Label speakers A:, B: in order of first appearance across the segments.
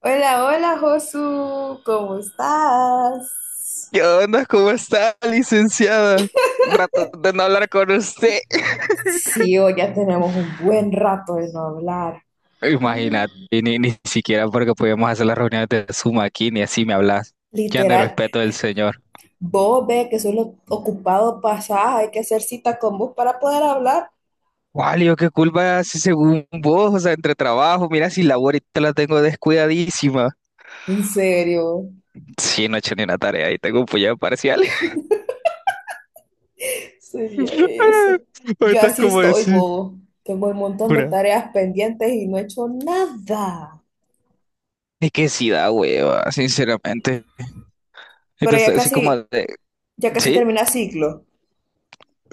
A: Hola, hola Josu, ¿cómo estás?
B: ¿Qué onda? ¿Cómo está, licenciada? Rato de no hablar con usted.
A: Sí, hoy ya tenemos un buen rato de no hablar.
B: Imagínate,
A: Mm.
B: y ni siquiera porque podíamos hacer las reuniones de Zoom aquí, ni así me hablas. Ya no hay
A: Literal,
B: respeto del señor.
A: vos ve que solo ocupado pasás, hay que hacer cita con vos para poder hablar.
B: Walio, qué culpa si según vos, o sea, entre trabajo, mira si la ahorita la tengo descuidadísima.
A: En serio,
B: Sí, no he hecho ni una tarea y tengo un puñado parcial.
A: sería eso. Yo
B: Ahorita es
A: así
B: como
A: estoy,
B: decir,
A: bobo. Tengo un montón de
B: pura.
A: tareas pendientes y no he hecho nada.
B: Es que sí da hueva, sinceramente.
A: Pero ya
B: Entonces, así como
A: casi,
B: de,
A: ya casi
B: sí.
A: termina ciclo.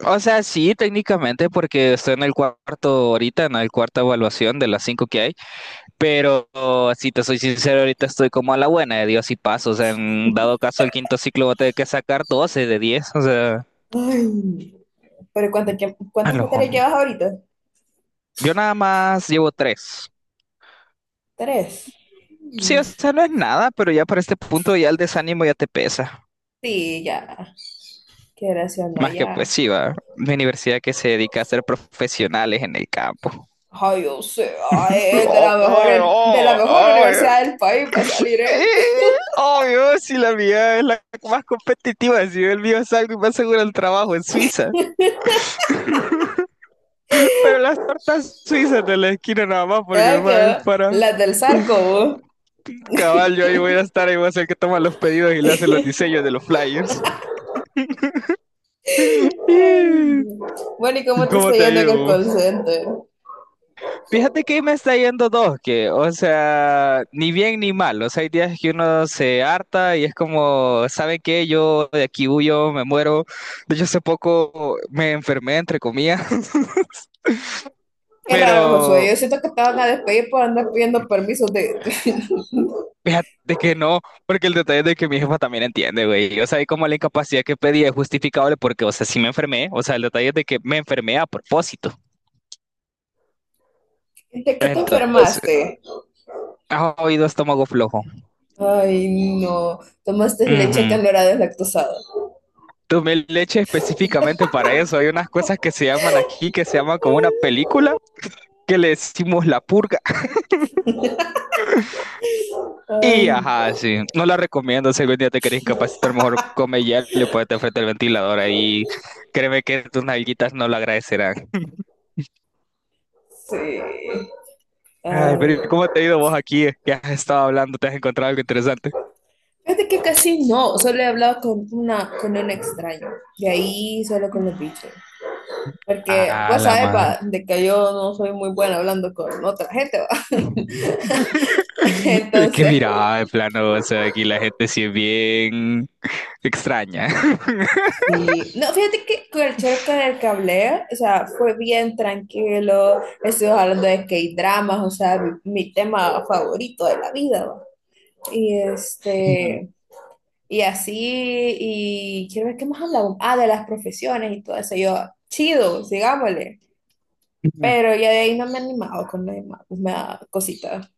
B: O sea, sí, técnicamente, porque estoy en el cuarto ahorita, en el cuarta evaluación de las cinco que hay, pero si te soy sincero, ahorita estoy como a la buena de Dios y paso, o sea, en dado caso el quinto ciclo voy a tener que sacar 12 de 10, o sea,
A: Ay, pero ¿cuántas,
B: a
A: cuántas
B: lo
A: materias
B: jun-
A: llevas ahorita?
B: yo nada más llevo tres.
A: Tres.
B: Sí, o sea, no es nada, pero ya para este punto ya el desánimo ya te pesa.
A: Sí, ya, qué o no,
B: Más que pues
A: ya.
B: sí, va. Mi universidad que se dedica a ser profesionales en el campo.
A: Ay, yo sé. Ay, él de la mejor universidad del país para salir
B: Eh,
A: él.
B: Obvio, si la mía es la más competitiva, si yo el mío salgo y me aseguro el trabajo en Suiza. Pero las tortas suizas de la esquina nada más, porque
A: Ay,
B: ma, es
A: ¿qué?
B: para
A: Las del Zarco, vos.
B: cabal, yo ahí voy a estar, ahí voy a ser el que toma los pedidos y le hace los diseños de los flyers.
A: Ay,
B: Eh,
A: no. Bueno, ¿y cómo te está
B: ¿Cómo te ha
A: yendo en
B: ido,
A: el call
B: vos?
A: center?
B: Fíjate que me está yendo dos, que, o sea, ni bien ni mal. O sea, hay días que uno se harta y es como, ¿saben qué? Yo de aquí huyo, me muero. De hecho, hace poco me enfermé, entre comillas.
A: Qué raro, Josué.
B: Pero
A: Yo siento que te van a despedir por andar pidiendo permisos de,
B: fíjate que no, porque el detalle es de que mi jefa también entiende, güey. O sea, y como la incapacidad que pedí es justificable porque, o sea, sí me enfermé. O sea, el detalle es de que me enfermé a propósito.
A: de, qué te
B: Entonces,
A: enfermaste.
B: ha oído estómago flojo.
A: Ay, no. Tomaste leche que
B: Ujú.
A: no era deslactosada.
B: Tomé leche específicamente para eso. Hay unas cosas que se llaman aquí, que se llaman como una película, que le decimos la purga. Y
A: Ay,
B: ajá, sí. No la recomiendo. Si algún día te querés incapacitar, mejor come hielo y ponete frente al ventilador ahí. Créeme que tus nalguitas no lo agradecerán.
A: sí.
B: Ay,
A: Ay,
B: pero ¿y cómo te ha ido vos aquí? ¿Qué has estado hablando? ¿Te has encontrado algo interesante?
A: fíjate que casi no, solo he hablado con una, con un extraño, de ahí solo con los bichos, porque
B: Ah,
A: vos
B: la
A: sabes
B: madre.
A: va, de que yo no soy muy buena hablando con otra gente, va.
B: Es que
A: Entonces,
B: mira, de plano, o sea, aquí la gente sí es bien extraña.
A: sí, no, fíjate que con el chero con el que hablé, o sea, fue bien tranquilo, estuvimos hablando de que hay dramas, o sea, mi tema favorito de la vida, va. Y
B: Ujú,
A: este, y así, y quiero ver qué más hablamos, ah, de las profesiones y todo eso, yo, chido, sigámosle.
B: ujú.
A: Pero ya de ahí no me he animado con la mapas, me cosita.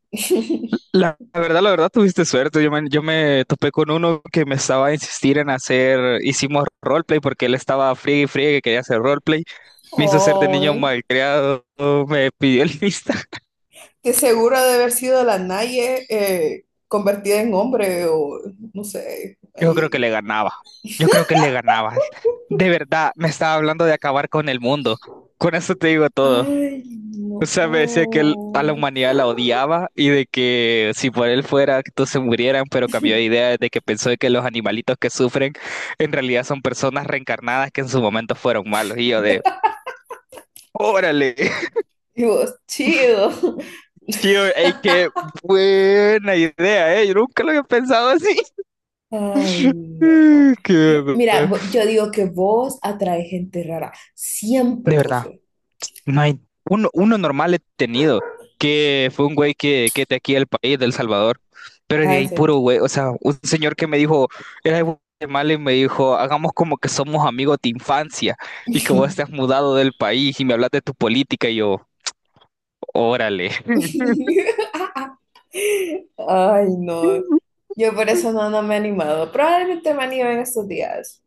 B: La verdad, la verdad, tuviste suerte. Yo me topé con uno que me estaba a insistir en hacer, hicimos roleplay porque él estaba friegue y friegue que quería hacer roleplay. Me hizo ser de niño
A: Ay,
B: malcriado, me pidió el lista.
A: que seguro ha de haber sido la Naye, convertida en hombre o no sé,
B: Yo creo que
A: ahí.
B: le ganaba. Yo creo que le ganabas. De verdad, me estaba hablando de acabar con el mundo. Con eso te digo todo.
A: Ay,
B: O
A: no.
B: sea, me decía que él a la humanidad la odiaba y de que si por él fuera que todos se murieran, pero cambió de idea desde que pensó de que los animalitos que sufren en realidad son personas reencarnadas que en su momento fueron malos. Y yo de, órale,
A: Y vos, chido.
B: tío, ey, qué buena idea, eh. Yo nunca lo había pensado así.
A: Ay, no.
B: Qué...
A: Mira,
B: verdad.
A: yo digo que vos atrae gente rara. Siempre,
B: De verdad.
A: Josué.
B: No hay uno normal he tenido, que fue un güey que es de aquí del país, del Salvador, pero
A: Ah,
B: de
A: en
B: ahí
A: serio.
B: puro güey, o sea, un señor que me dijo, era de Guatemala y me dijo, hagamos como que somos amigos de infancia y que vos te has mudado del país y me hablas de tu política y yo, órale.
A: Ay, no. Yo por eso no, no me he animado. Probablemente me anime en estos días.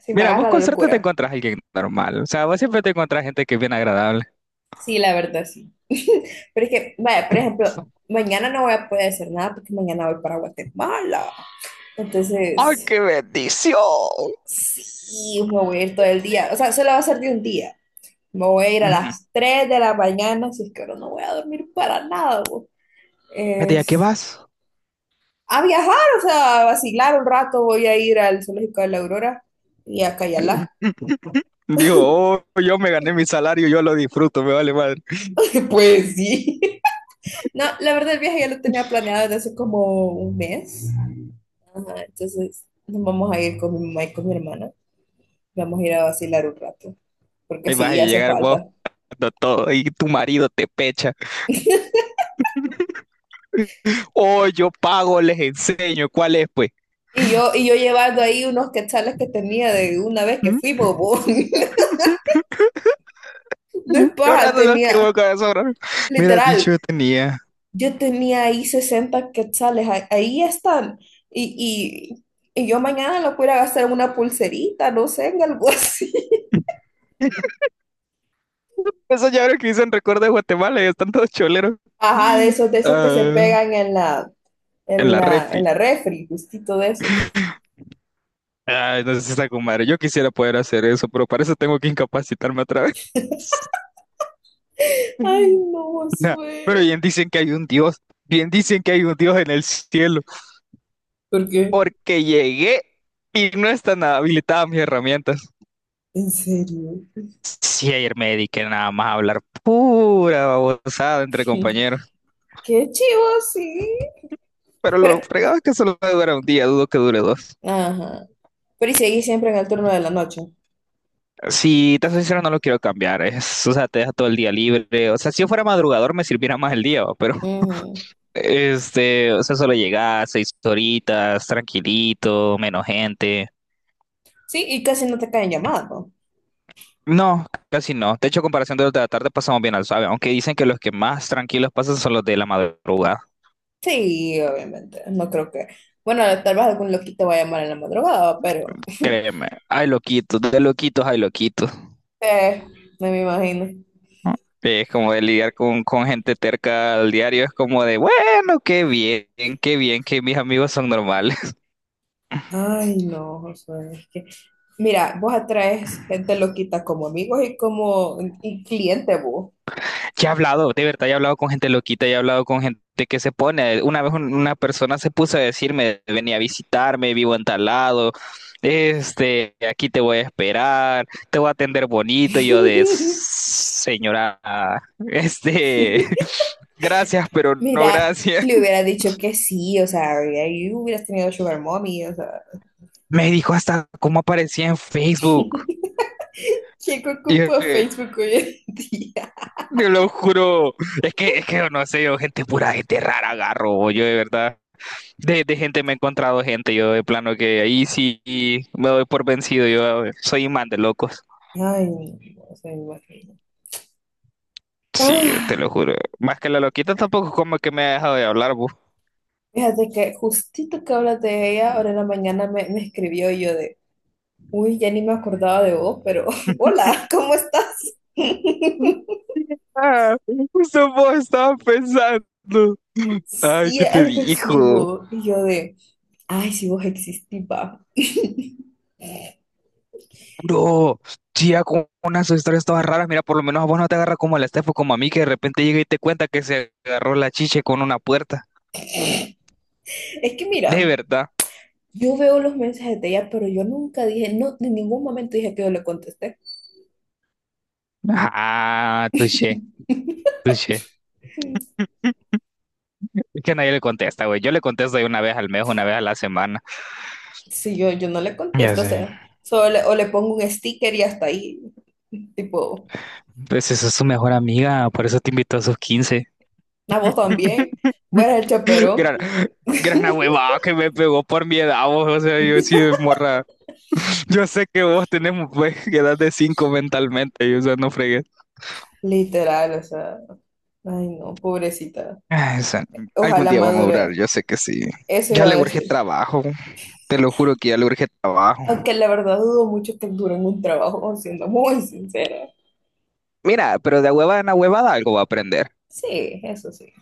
A: Sí, me
B: Mira, vos
A: agarra
B: con
A: la
B: suerte te
A: locura.
B: encontrás a alguien normal, o sea, vos siempre te encontrás gente que es bien agradable.
A: Sí, la verdad, sí. Pero es que, vaya, por ejemplo, mañana no voy a poder hacer nada porque mañana voy para Guatemala.
B: ¡Ay,
A: Entonces,
B: qué bendición!
A: sí, me voy a ir todo el día. O sea, solo va a ser de un día. Me voy a ir a
B: Ujú.
A: las 3 de la mañana, así es que ahora no voy a dormir para nada. Bo.
B: Fíjate, ¿a qué
A: Es
B: vas?
A: a viajar, o sea, a vacilar un rato, voy a ir al Zoológico de la Aurora y a Cayalá.
B: Dijo, oh, yo me gané mi salario, yo lo disfruto, me vale madre.
A: Pues sí. No, la verdad el viaje ya lo tenía planeado desde hace como un mes. Ajá, entonces nos vamos a ir con mi mamá y con mi hermana. Vamos a ir a vacilar un rato, porque
B: Ahí vas a
A: sí hace
B: llegar vos
A: falta.
B: dando todo y tu marido te pecha. Oh, yo pago, les enseño. ¿Cuál es, pues?
A: Y yo llevando ahí unos quetzales que tenía de una vez que
B: ¿Mm?
A: fui bobo. No es
B: Yo
A: paja,
B: rato lo que voy,
A: tenía,
B: corazón. Mira, dicho
A: literal,
B: yo tenía.
A: yo tenía ahí 60 quetzales, ahí están. Y, y yo mañana lo pudiera gastar en una pulserita, no sé, en algo así.
B: Esos llaveros que dicen recuerdo de Guatemala y están todos choleros.
A: Ajá, de esos, de esos que se
B: Ah,
A: pegan en la,
B: en
A: en
B: la
A: la, en
B: refri.
A: la refri, justito de esos.
B: Ay, no sé si está con madre. Yo quisiera poder hacer eso, pero para eso tengo que incapacitarme otra vez.
A: Ay, no,
B: Nah, pero
A: Josué.
B: bien dicen que hay un Dios, bien dicen que hay un Dios en el cielo,
A: Porque,
B: porque llegué y no están habilitadas mis herramientas.
A: ¿en serio?
B: Sí, ayer me dediqué nada más a hablar pura babosada entre compañeros.
A: Qué chivo, sí.
B: Pero
A: Pero,
B: lo fregado es que solo dura un día, dudo que dure dos.
A: ajá. Pero y seguís siempre en el turno de la noche.
B: Si te soy sincero, no lo quiero cambiar. Es, o sea, te deja todo el día libre. O sea, si yo fuera madrugador me sirviera más el día, ¿va? Pero
A: Ujú.
B: este, o sea, solo llegas 6 horitas, tranquilito, menos gente.
A: Sí, y casi no te caen llamadas, ¿no?
B: No, casi no. De hecho, a comparación de los de la tarde pasamos bien al suave, aunque dicen que los que más tranquilos pasan son los de la madrugada.
A: Sí, obviamente. No creo que. Bueno, tal vez algún loquito va a llamar en la madrugada, pero
B: Créeme, hay loquitos, de loquitos hay loquitos.
A: eh, no me imagino.
B: ¿No? Es como de lidiar con gente terca al diario, es como de, bueno, qué bien que mis amigos son normales.
A: Ay, no, Josué, es que. Mira, vos atraes gente loquita como amigos y como y cliente vos.
B: Ya he hablado, de verdad, ya he hablado con gente loquita, ya he hablado con gente que se pone. Una vez una persona se puso a decirme, venía a visitarme, vivo en tal lado, este, aquí te voy a esperar, te voy a atender bonito. Y yo de, señora, este, gracias, pero no
A: Mira,
B: gracias.
A: le hubiera dicho que sí, o sea, y ahí hubieras tenido Sugar Mommy, o sea.
B: Me dijo hasta cómo aparecía en Facebook.
A: ¿Quién
B: Y yo,
A: ocupa
B: de,
A: Facebook hoy en día?
B: "Te lo juro, es que, yo no sé, yo gente pura, gente rara agarro, yo de verdad. De, gente me he encontrado gente, yo de plano que ahí sí me doy por vencido, yo soy imán de locos.
A: Ay, no se me imagino.
B: Sí, yo te lo
A: Ah,
B: juro. Más que la loquita tampoco como que me ha dejado de hablar, vos.
A: fíjate que justito que hablas de ella, ahora en la mañana me escribió y yo de, uy, ya ni me acordaba de vos, pero hola, ¿cómo estás?
B: Ah, justo vos estabas pensando. Ay,
A: Sí,
B: ¿qué te
A: algo así,
B: dijo?
A: vos. Y yo de, ay, si vos existís, va.
B: Bro, tía, con unas historias todas raras, mira, por lo menos a vos no te agarra como a la Estefo, como a mí, que de repente llega y te cuenta que se agarró la chiche con una puerta.
A: Es que
B: De
A: mira,
B: verdad.
A: yo veo los mensajes de ella, pero yo nunca dije, no, en ningún momento dije que yo le contesté.
B: Ah, touché, touché. Que nadie le contesta, güey. Yo le contesto de una vez al mes, una vez a la semana.
A: Si yo no le
B: Ya
A: contesto, o
B: sé.
A: sea, solo o le pongo un sticker y hasta ahí, tipo,
B: Pues esa es su mejor amiga, por eso te invitó a sus 15.
A: a vos también, fuera el chaperón.
B: Gran, gran huevada que me pegó por mi edad, vos. O sea, yo sí, morra. Yo sé que vos tenemos pues, edad de 5 mentalmente, y, o sea, no fregues.
A: Literal, o sea, ay no, pobrecita.
B: Ay, o sea, algún
A: Ojalá
B: día vamos a durar,
A: madure,
B: yo sé que sí.
A: eso
B: Ya
A: iba a
B: le urge
A: decir.
B: trabajo, te lo juro que ya le urge trabajo.
A: Aunque la verdad dudo mucho que dure en un trabajo, siendo muy sincera.
B: Mira, pero de huevada en huevada algo va a aprender.
A: Sí, eso sí.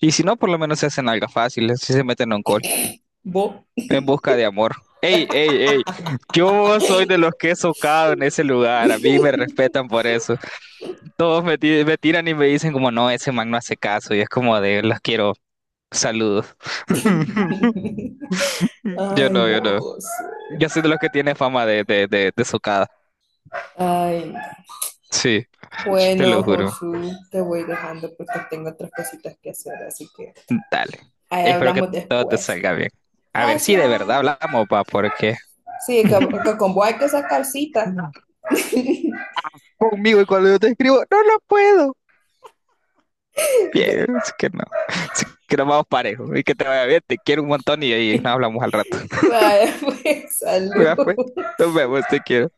B: Y si no, por lo menos se hacen algo fácil, si se meten en un call.
A: ¿Vos?
B: En busca de amor. Ey, ey, ey. Yo soy de los que he socado en ese lugar. A mí me respetan por eso. Todos me, me tiran y me dicen como, no, ese man no hace caso. Y es como de, los quiero. Saludos. Yo
A: Ay,
B: no,
A: no,
B: yo no.
A: José.
B: Yo soy de los que tiene fama de, socada.
A: Ay, no.
B: Sí, te
A: Bueno,
B: lo juro.
A: Josu, te voy dejando porque tengo otras cositas que hacer, así que
B: Dale.
A: ahí
B: Espero que
A: hablamos
B: todo te
A: después.
B: salga bien. A ver si
A: Gracias.
B: de verdad hablamos, pa, porque
A: Sí, que, que con vos hay que sacar cita.
B: conmigo y cuando yo te escribo, no lo puedo. Bien,
A: Ve.
B: así que no. Así que nos vamos parejos. Y que te vaya bien, te quiero un montón y ahí nos hablamos al rato.
A: Vale, pues,
B: Ya,
A: salud.
B: pues, nos vemos, te quiero.